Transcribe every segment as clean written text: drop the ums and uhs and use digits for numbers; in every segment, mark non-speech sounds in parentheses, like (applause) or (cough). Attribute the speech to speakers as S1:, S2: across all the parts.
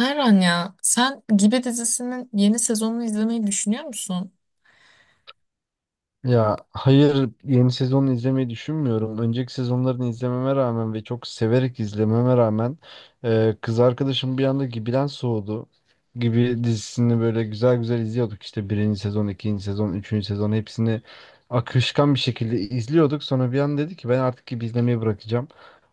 S1: Erhan ya sen Gibi dizisinin yeni sezonunu izlemeyi düşünüyor musun?
S2: Ya hayır yeni sezonu izlemeyi düşünmüyorum. Önceki sezonlarını izlememe rağmen ve çok severek izlememe rağmen kız arkadaşım bir anda Gibi'den soğudu. Gibi dizisini böyle güzel güzel izliyorduk. İşte birinci sezon, ikinci sezon, üçüncü sezon hepsini akışkan bir şekilde izliyorduk. Sonra bir an dedi ki ben artık Gibi izlemeyi bırakacağım.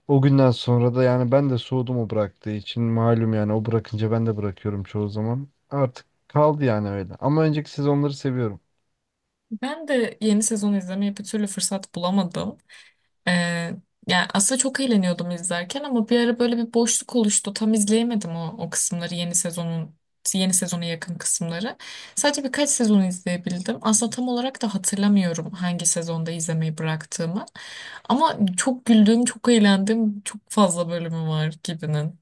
S2: O günden sonra da yani ben de soğudum o bıraktığı için. Malum yani o bırakınca ben de bırakıyorum çoğu zaman. Artık kaldı yani öyle. Ama önceki sezonları seviyorum.
S1: Ben de yeni sezonu izlemeye bir türlü fırsat bulamadım. Ee, Yani aslında çok eğleniyordum izlerken ama bir ara böyle bir boşluk oluştu. Tam izleyemedim o kısımları yeni sezonun yeni sezona yakın kısımları. Sadece birkaç sezonu izleyebildim. Aslında tam olarak da hatırlamıyorum hangi sezonda izlemeyi bıraktığımı. Ama çok güldüğüm, çok eğlendiğim çok fazla bölümü var Gibi'nin.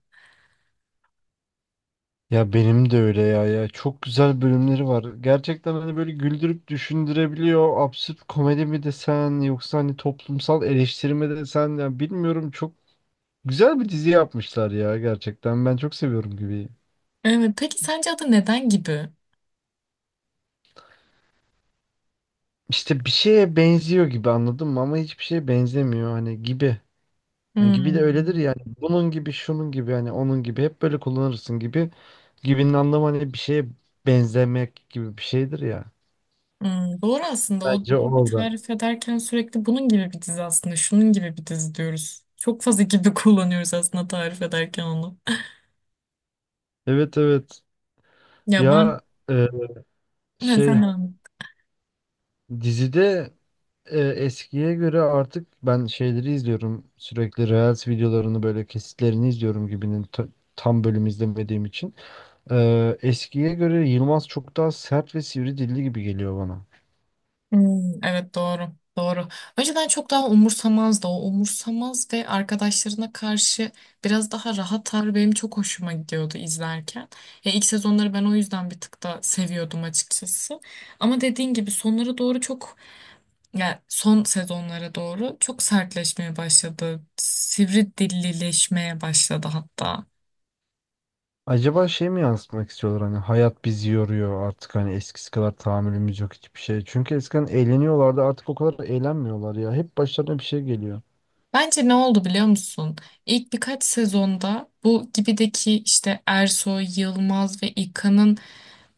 S2: Ya benim de öyle ya ya çok güzel bölümleri var. Gerçekten hani böyle güldürüp düşündürebiliyor. Absürt komedi mi desen yoksa hani toplumsal eleştiri mi desen ya bilmiyorum çok güzel bir dizi yapmışlar ya gerçekten. Ben çok seviyorum gibi.
S1: Evet, peki sence adı neden Gibi?
S2: İşte bir şeye benziyor gibi anladın mı ama hiçbir şeye benzemiyor hani gibi. Hani gibi de öyledir
S1: Hmm.
S2: yani. Bunun gibi, şunun gibi hani onun gibi hep böyle kullanırsın gibi. Gibinin anlamı hani bir şeye benzemek gibi bir şeydir ya.
S1: Hmm, doğru aslında o
S2: Bence
S1: bir
S2: orada.
S1: tarif ederken sürekli bunun gibi bir dizi aslında şunun gibi bir dizi diyoruz. Çok fazla gibi (laughs) kullanıyoruz aslında tarif ederken onu.
S2: Evet, evet.
S1: Ya ben
S2: Ya e,
S1: ne
S2: şey
S1: tamam.
S2: dizide eskiye göre artık ben şeyleri izliyorum sürekli Reels videolarını böyle kesitlerini izliyorum gibinin tam bölüm izlemediğim için. Eskiye göre Yılmaz çok daha sert ve sivri dilli gibi geliyor bana.
S1: Hmm, evet doğru. Doğru. Önceden çok daha umursamazdı, o umursamaz ve arkadaşlarına karşı biraz daha rahat tavrı benim çok hoşuma gidiyordu izlerken. Ya ilk sezonları ben o yüzden bir tık da seviyordum açıkçası. Ama dediğin gibi sonlara doğru çok, yani son sezonlara doğru çok sertleşmeye başladı. Sivri dillileşmeye başladı hatta.
S2: Acaba şey mi yansıtmak istiyorlar hani hayat bizi yoruyor artık hani eskisi kadar tahammülümüz yok hiçbir şey. Çünkü eskiden eğleniyorlardı artık o kadar eğlenmiyorlar ya hep başlarına bir şey geliyor.
S1: Bence ne oldu biliyor musun? İlk birkaç sezonda bu gibideki işte Ersoy, Yılmaz ve İlkan'ın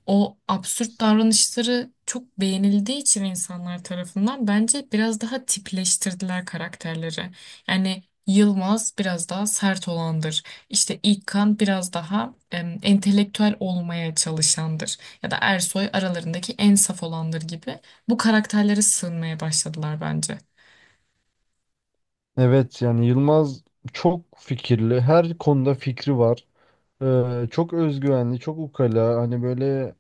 S1: o absürt davranışları çok beğenildiği için insanlar tarafından bence biraz daha tipleştirdiler karakterleri. Yani Yılmaz biraz daha sert olandır. İşte İlkan biraz daha entelektüel olmaya çalışandır. Ya da Ersoy aralarındaki en saf olandır gibi. Bu karakterlere sığınmaya başladılar bence.
S2: Evet yani Yılmaz çok fikirli her konuda fikri var. Çok özgüvenli, çok ukala, hani böyle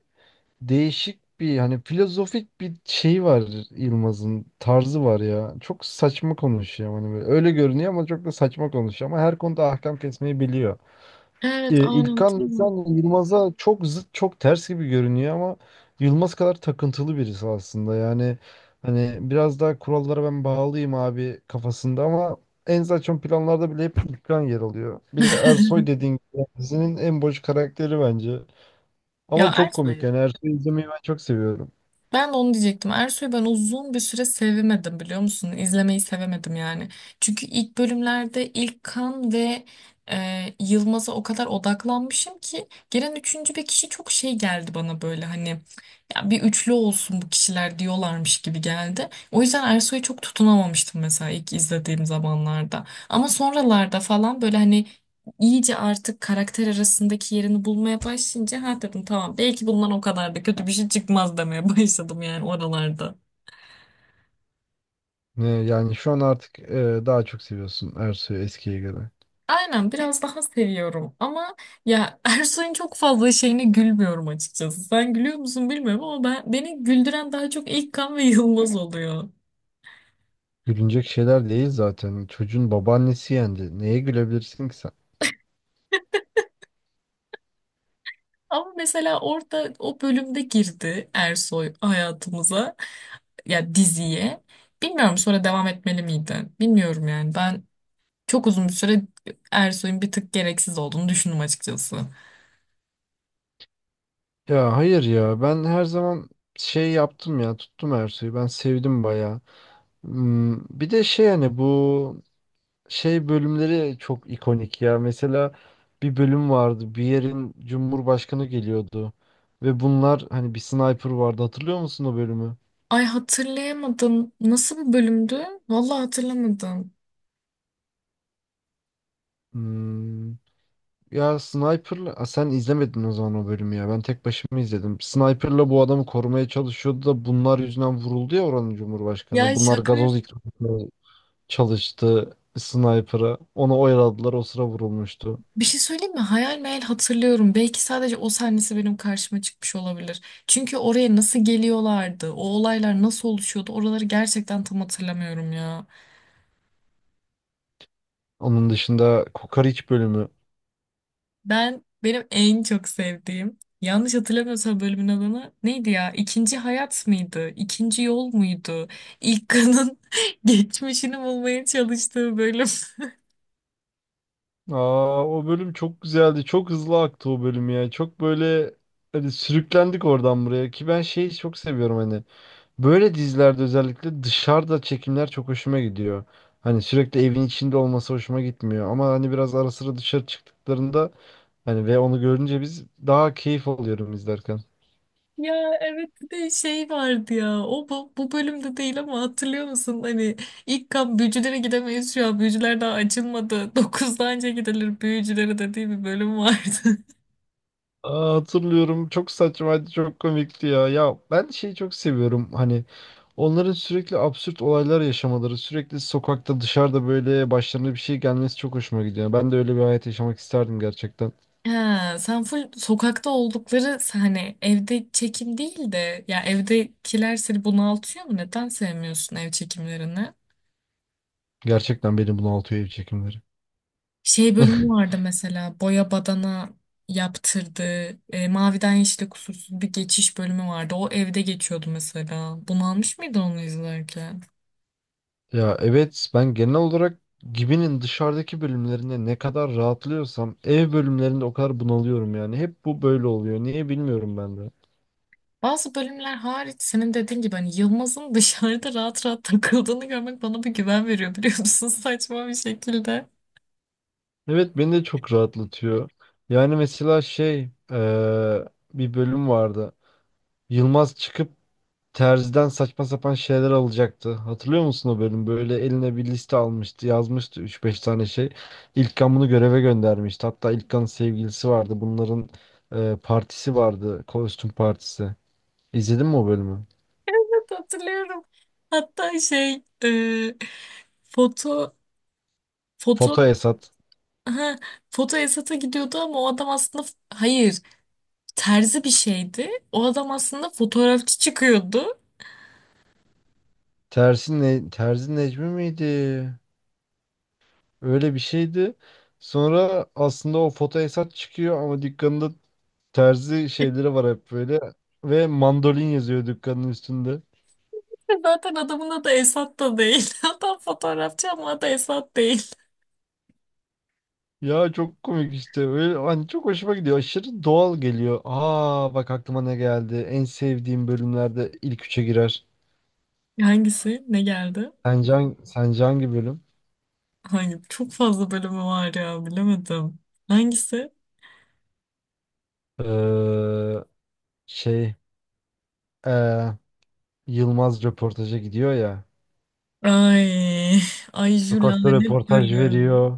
S2: değişik bir hani filozofik bir şey var Yılmaz'ın tarzı var ya. Çok saçma konuşuyor hani böyle. Öyle görünüyor ama çok da saçma konuşuyor ama her konuda ahkam kesmeyi biliyor.
S1: Evet, aynen değil
S2: İlkan
S1: mi?
S2: sen Yılmaz'a çok zıt, çok ters gibi görünüyor ama Yılmaz kadar takıntılı birisi aslında. Yani hani biraz daha kurallara ben bağlıyım abi kafasında ama en saçma planlarda bile hep İlkan yer alıyor. Bir de
S1: (laughs)
S2: Ersoy dediğin gibi yani dizinin en boş karakteri bence.
S1: Ya
S2: Ama çok komik
S1: Ersoy'u
S2: yani Ersoy'u izlemeyi ben çok seviyorum.
S1: ben de onu diyecektim. Ersoy'u ben uzun bir süre sevemedim biliyor musun? İzlemeyi sevemedim yani. Çünkü ilk bölümlerde ilk kan ve e, Yılmaz'a o kadar odaklanmışım ki gelen üçüncü bir kişi çok şey geldi bana böyle hani ya bir üçlü olsun bu kişiler diyorlarmış gibi geldi. O yüzden Ersoy'u çok tutunamamıştım mesela ilk izlediğim zamanlarda. Ama sonralarda falan böyle hani iyice artık karakter arasındaki yerini bulmaya başlayınca ha dedim tamam belki bundan o kadar da kötü bir şey çıkmaz demeye (laughs) başladım yani oralarda.
S2: Yani şu an artık daha çok seviyorsun Ersoy'u eskiye göre.
S1: Aynen biraz daha seviyorum ama ya Ersoy'un çok fazla şeyine gülmüyorum açıkçası. Sen gülüyor musun bilmiyorum ama ben beni güldüren daha çok İlkan ve Yılmaz oluyor.
S2: Gülünecek şeyler değil zaten. Çocuğun babaannesi yendi. Neye gülebilirsin ki sen?
S1: Ama mesela orada o bölümde girdi Ersoy hayatımıza, ya diziye. Bilmiyorum sonra devam etmeli miydi? Bilmiyorum yani. Ben çok uzun bir süre Ersoy'un bir tık gereksiz olduğunu düşündüm açıkçası.
S2: Ya hayır ya ben her zaman şey yaptım ya tuttum Ersoy'u ben sevdim bayağı. Hmm, bir de şey hani bu şey bölümleri çok ikonik ya. Mesela bir bölüm vardı bir yerin cumhurbaşkanı geliyordu ve bunlar hani bir sniper vardı hatırlıyor musun o bölümü?
S1: Ay hatırlayamadım. Nasıl bir bölümdü? Vallahi hatırlamadım.
S2: Hmm, ya sniperla Aa, sen izlemedin o zaman o bölümü ya ben tek başıma izledim. Sniperla bu adamı korumaya çalışıyordu da bunlar yüzünden vuruldu ya oranın cumhurbaşkanı.
S1: Ya
S2: Bunlar
S1: şaka.
S2: gazoz ikramı çalıştı sniper'a. Onu oyaladılar o sıra vurulmuştu.
S1: Bir şey söyleyeyim mi? Hayal meyal hatırlıyorum. Belki sadece o sahnesi benim karşıma çıkmış olabilir. Çünkü oraya nasıl geliyorlardı? O olaylar nasıl oluşuyordu? Oraları gerçekten tam hatırlamıyorum ya.
S2: Onun dışında Kokoreç bölümü.
S1: Benim en çok sevdiğim, yanlış hatırlamıyorsam, bölümün adını neydi ya? İkinci hayat mıydı? İkinci yol muydu? İlk kanın (laughs) geçmişini bulmaya çalıştığı bölüm. (laughs)
S2: Aa o bölüm çok güzeldi. Çok hızlı aktı o bölüm ya. Çok böyle hani sürüklendik oradan buraya ki ben şeyi çok seviyorum hani. Böyle dizilerde özellikle dışarıda çekimler çok hoşuma gidiyor. Hani sürekli evin içinde olması hoşuma gitmiyor ama hani biraz ara sıra dışarı çıktıklarında hani ve onu görünce biz daha keyif alıyorum izlerken.
S1: Ya evet bir de şey vardı ya o bu bölümde değil ama hatırlıyor musun hani ilk kan büyücülere gidemeyiz şu an büyücüler daha açılmadı (laughs) dokuzda anca gidilir büyücülere dediği bir bölüm vardı.
S2: Aa, hatırlıyorum. Çok saçmaydı, çok komikti ya. Ya ben şeyi çok seviyorum. Hani onların sürekli absürt olaylar yaşamaları, sürekli sokakta, dışarıda böyle başlarına bir şey gelmesi çok hoşuma gidiyor. Ben de öyle bir hayat yaşamak isterdim gerçekten.
S1: Ha, sen full sokakta oldukları, hani evde çekim değil de, ya evdekiler seni bunaltıyor mu? Neden sevmiyorsun ev çekimlerini?
S2: Gerçekten beni bunaltıyor ev çekimleri.
S1: Şey bölümü
S2: (laughs)
S1: vardı mesela boya badana yaptırdığı, maviden yeşile kusursuz bir geçiş bölümü vardı. O evde geçiyordu mesela. Bunalmış mıydın onu izlerken?
S2: Ya evet ben genel olarak Gibi'nin dışarıdaki bölümlerinde ne kadar rahatlıyorsam ev bölümlerinde o kadar bunalıyorum yani. Hep bu böyle oluyor. Niye bilmiyorum ben de.
S1: Bazı bölümler hariç senin dediğin gibi hani Yılmaz'ın (laughs) dışarıda rahat rahat takıldığını görmek bana bir güven veriyor biliyor musun? (laughs) Saçma bir şekilde.
S2: Evet beni de çok rahatlatıyor. Yani mesela şey bir bölüm vardı. Yılmaz çıkıp terziden saçma sapan şeyler alacaktı. Hatırlıyor musun o bölüm? Böyle eline bir liste almıştı, yazmıştı üç beş tane şey. İlkan bunu göreve göndermişti. Hatta İlkan'ın sevgilisi vardı. Bunların partisi vardı. Kostüm partisi. İzledin mi o bölümü?
S1: Evet, hatırlıyorum. Hatta şey foto foto
S2: Foto Esat.
S1: ha, foto Esat'a gidiyordu ama o adam aslında hayır, terzi bir şeydi. O adam aslında fotoğrafçı çıkıyordu.
S2: Tersi ne, Terzi Necmi miydi? Öyle bir şeydi. Sonra aslında o foto Esat çıkıyor ama dükkanında Terzi şeyleri var hep böyle. Ve mandolin yazıyor dükkanın üstünde.
S1: Zaten adamın adı Esat da değil. (laughs) Adam fotoğrafçı ama adı Esat değil.
S2: Ya çok komik işte. Öyle, hani çok hoşuma gidiyor. Aşırı doğal geliyor. Aa bak aklıma ne geldi. En sevdiğim bölümlerde ilk üçe girer.
S1: Hangisi? Ne geldi?
S2: Sence, sence hangi bölüm?
S1: Hangi? Çok fazla bölümü var ya bilemedim. Hangisi?
S2: Ee, Şey ee, Yılmaz röportaja gidiyor ya.
S1: Ay, ay şu
S2: Sokakta
S1: lanet
S2: röportaj
S1: bölüm.
S2: veriyor.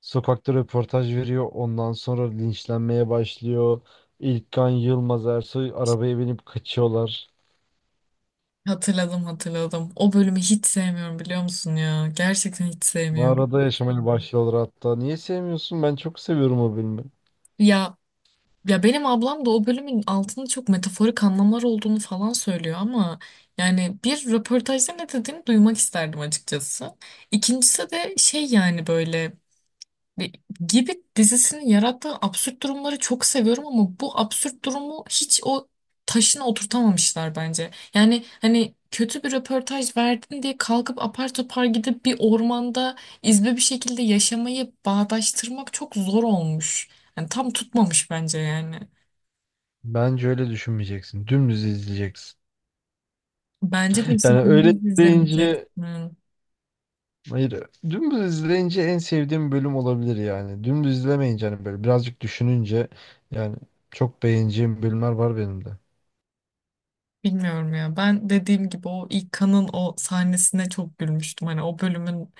S2: Sokakta röportaj veriyor. Ondan sonra linçlenmeye başlıyor. İlkan Yılmaz Ersoy arabaya binip kaçıyorlar.
S1: Hatırladım, hatırladım. O bölümü hiç sevmiyorum biliyor musun ya? Gerçekten hiç sevmiyorum.
S2: Mağarada yaşamaya başlıyorlar hatta. Niye sevmiyorsun? Ben çok seviyorum o filmi.
S1: Ya ya benim ablam da o bölümün altında çok metaforik anlamlar olduğunu falan söylüyor ama yani bir röportajda ne dediğini duymak isterdim açıkçası. İkincisi de şey, yani böyle ve gibi dizisinin yarattığı absürt durumları çok seviyorum ama bu absürt durumu hiç o taşına oturtamamışlar bence. Yani hani kötü bir röportaj verdin diye kalkıp apar topar gidip bir ormanda izbe bir şekilde yaşamayı bağdaştırmak çok zor olmuş. Yani tam tutmamış bence yani.
S2: Bence öyle düşünmeyeceksin. Dümdüz izleyeceksin. (laughs)
S1: Bence de
S2: Yani
S1: işte
S2: öyle
S1: dümdüz izlemeyeceksin.
S2: izleyince hayır dümdüz izleyince en sevdiğim bölüm olabilir yani. Dümdüz izlemeyince hani böyle birazcık düşününce yani çok beğeneceğim bölümler var benim de.
S1: Bilmiyorum ya. Ben dediğim gibi o ilk kanın o sahnesine çok gülmüştüm. Hani o bölümün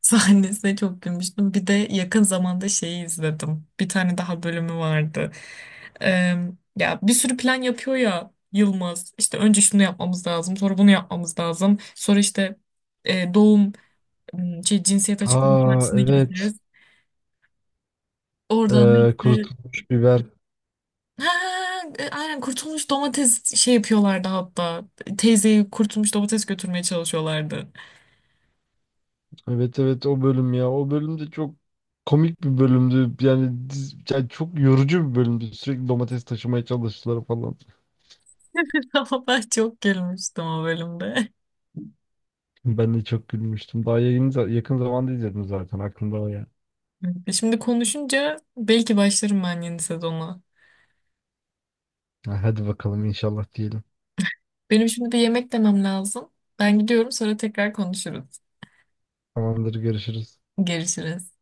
S1: sahnesine çok gülmüştüm. Bir de yakın zamanda şeyi izledim. Bir tane daha bölümü vardı. Ee, Ya bir sürü plan yapıyor ya Yılmaz. İşte önce şunu yapmamız lazım, sonra bunu yapmamız lazım. Sonra işte e, doğum şey cinsiyet açıklama
S2: Aa
S1: partisine
S2: evet.
S1: gideceğiz. Oradan da işte
S2: Kurutulmuş biber.
S1: ha, aynen kurtulmuş domates şey yapıyorlardı hatta. Teyzeyi kurtulmuş domates götürmeye çalışıyorlardı.
S2: Evet evet o bölüm ya. O bölüm de çok komik bir bölümdü. Yani, yani çok yorucu bir bölümdü. Sürekli domates taşımaya çalıştılar falan.
S1: (laughs) Ama ben çok gülmüştüm o bölümde.
S2: Ben de çok gülmüştüm. Daha yayını yakın zamanda izledim zaten. Aklımda o ya.
S1: E şimdi konuşunca belki başlarım ben yeni sezona.
S2: Ha, hadi bakalım inşallah diyelim.
S1: Benim şimdi bir yemek demem lazım. Ben gidiyorum sonra tekrar konuşuruz.
S2: Tamamdır görüşürüz.
S1: Görüşürüz.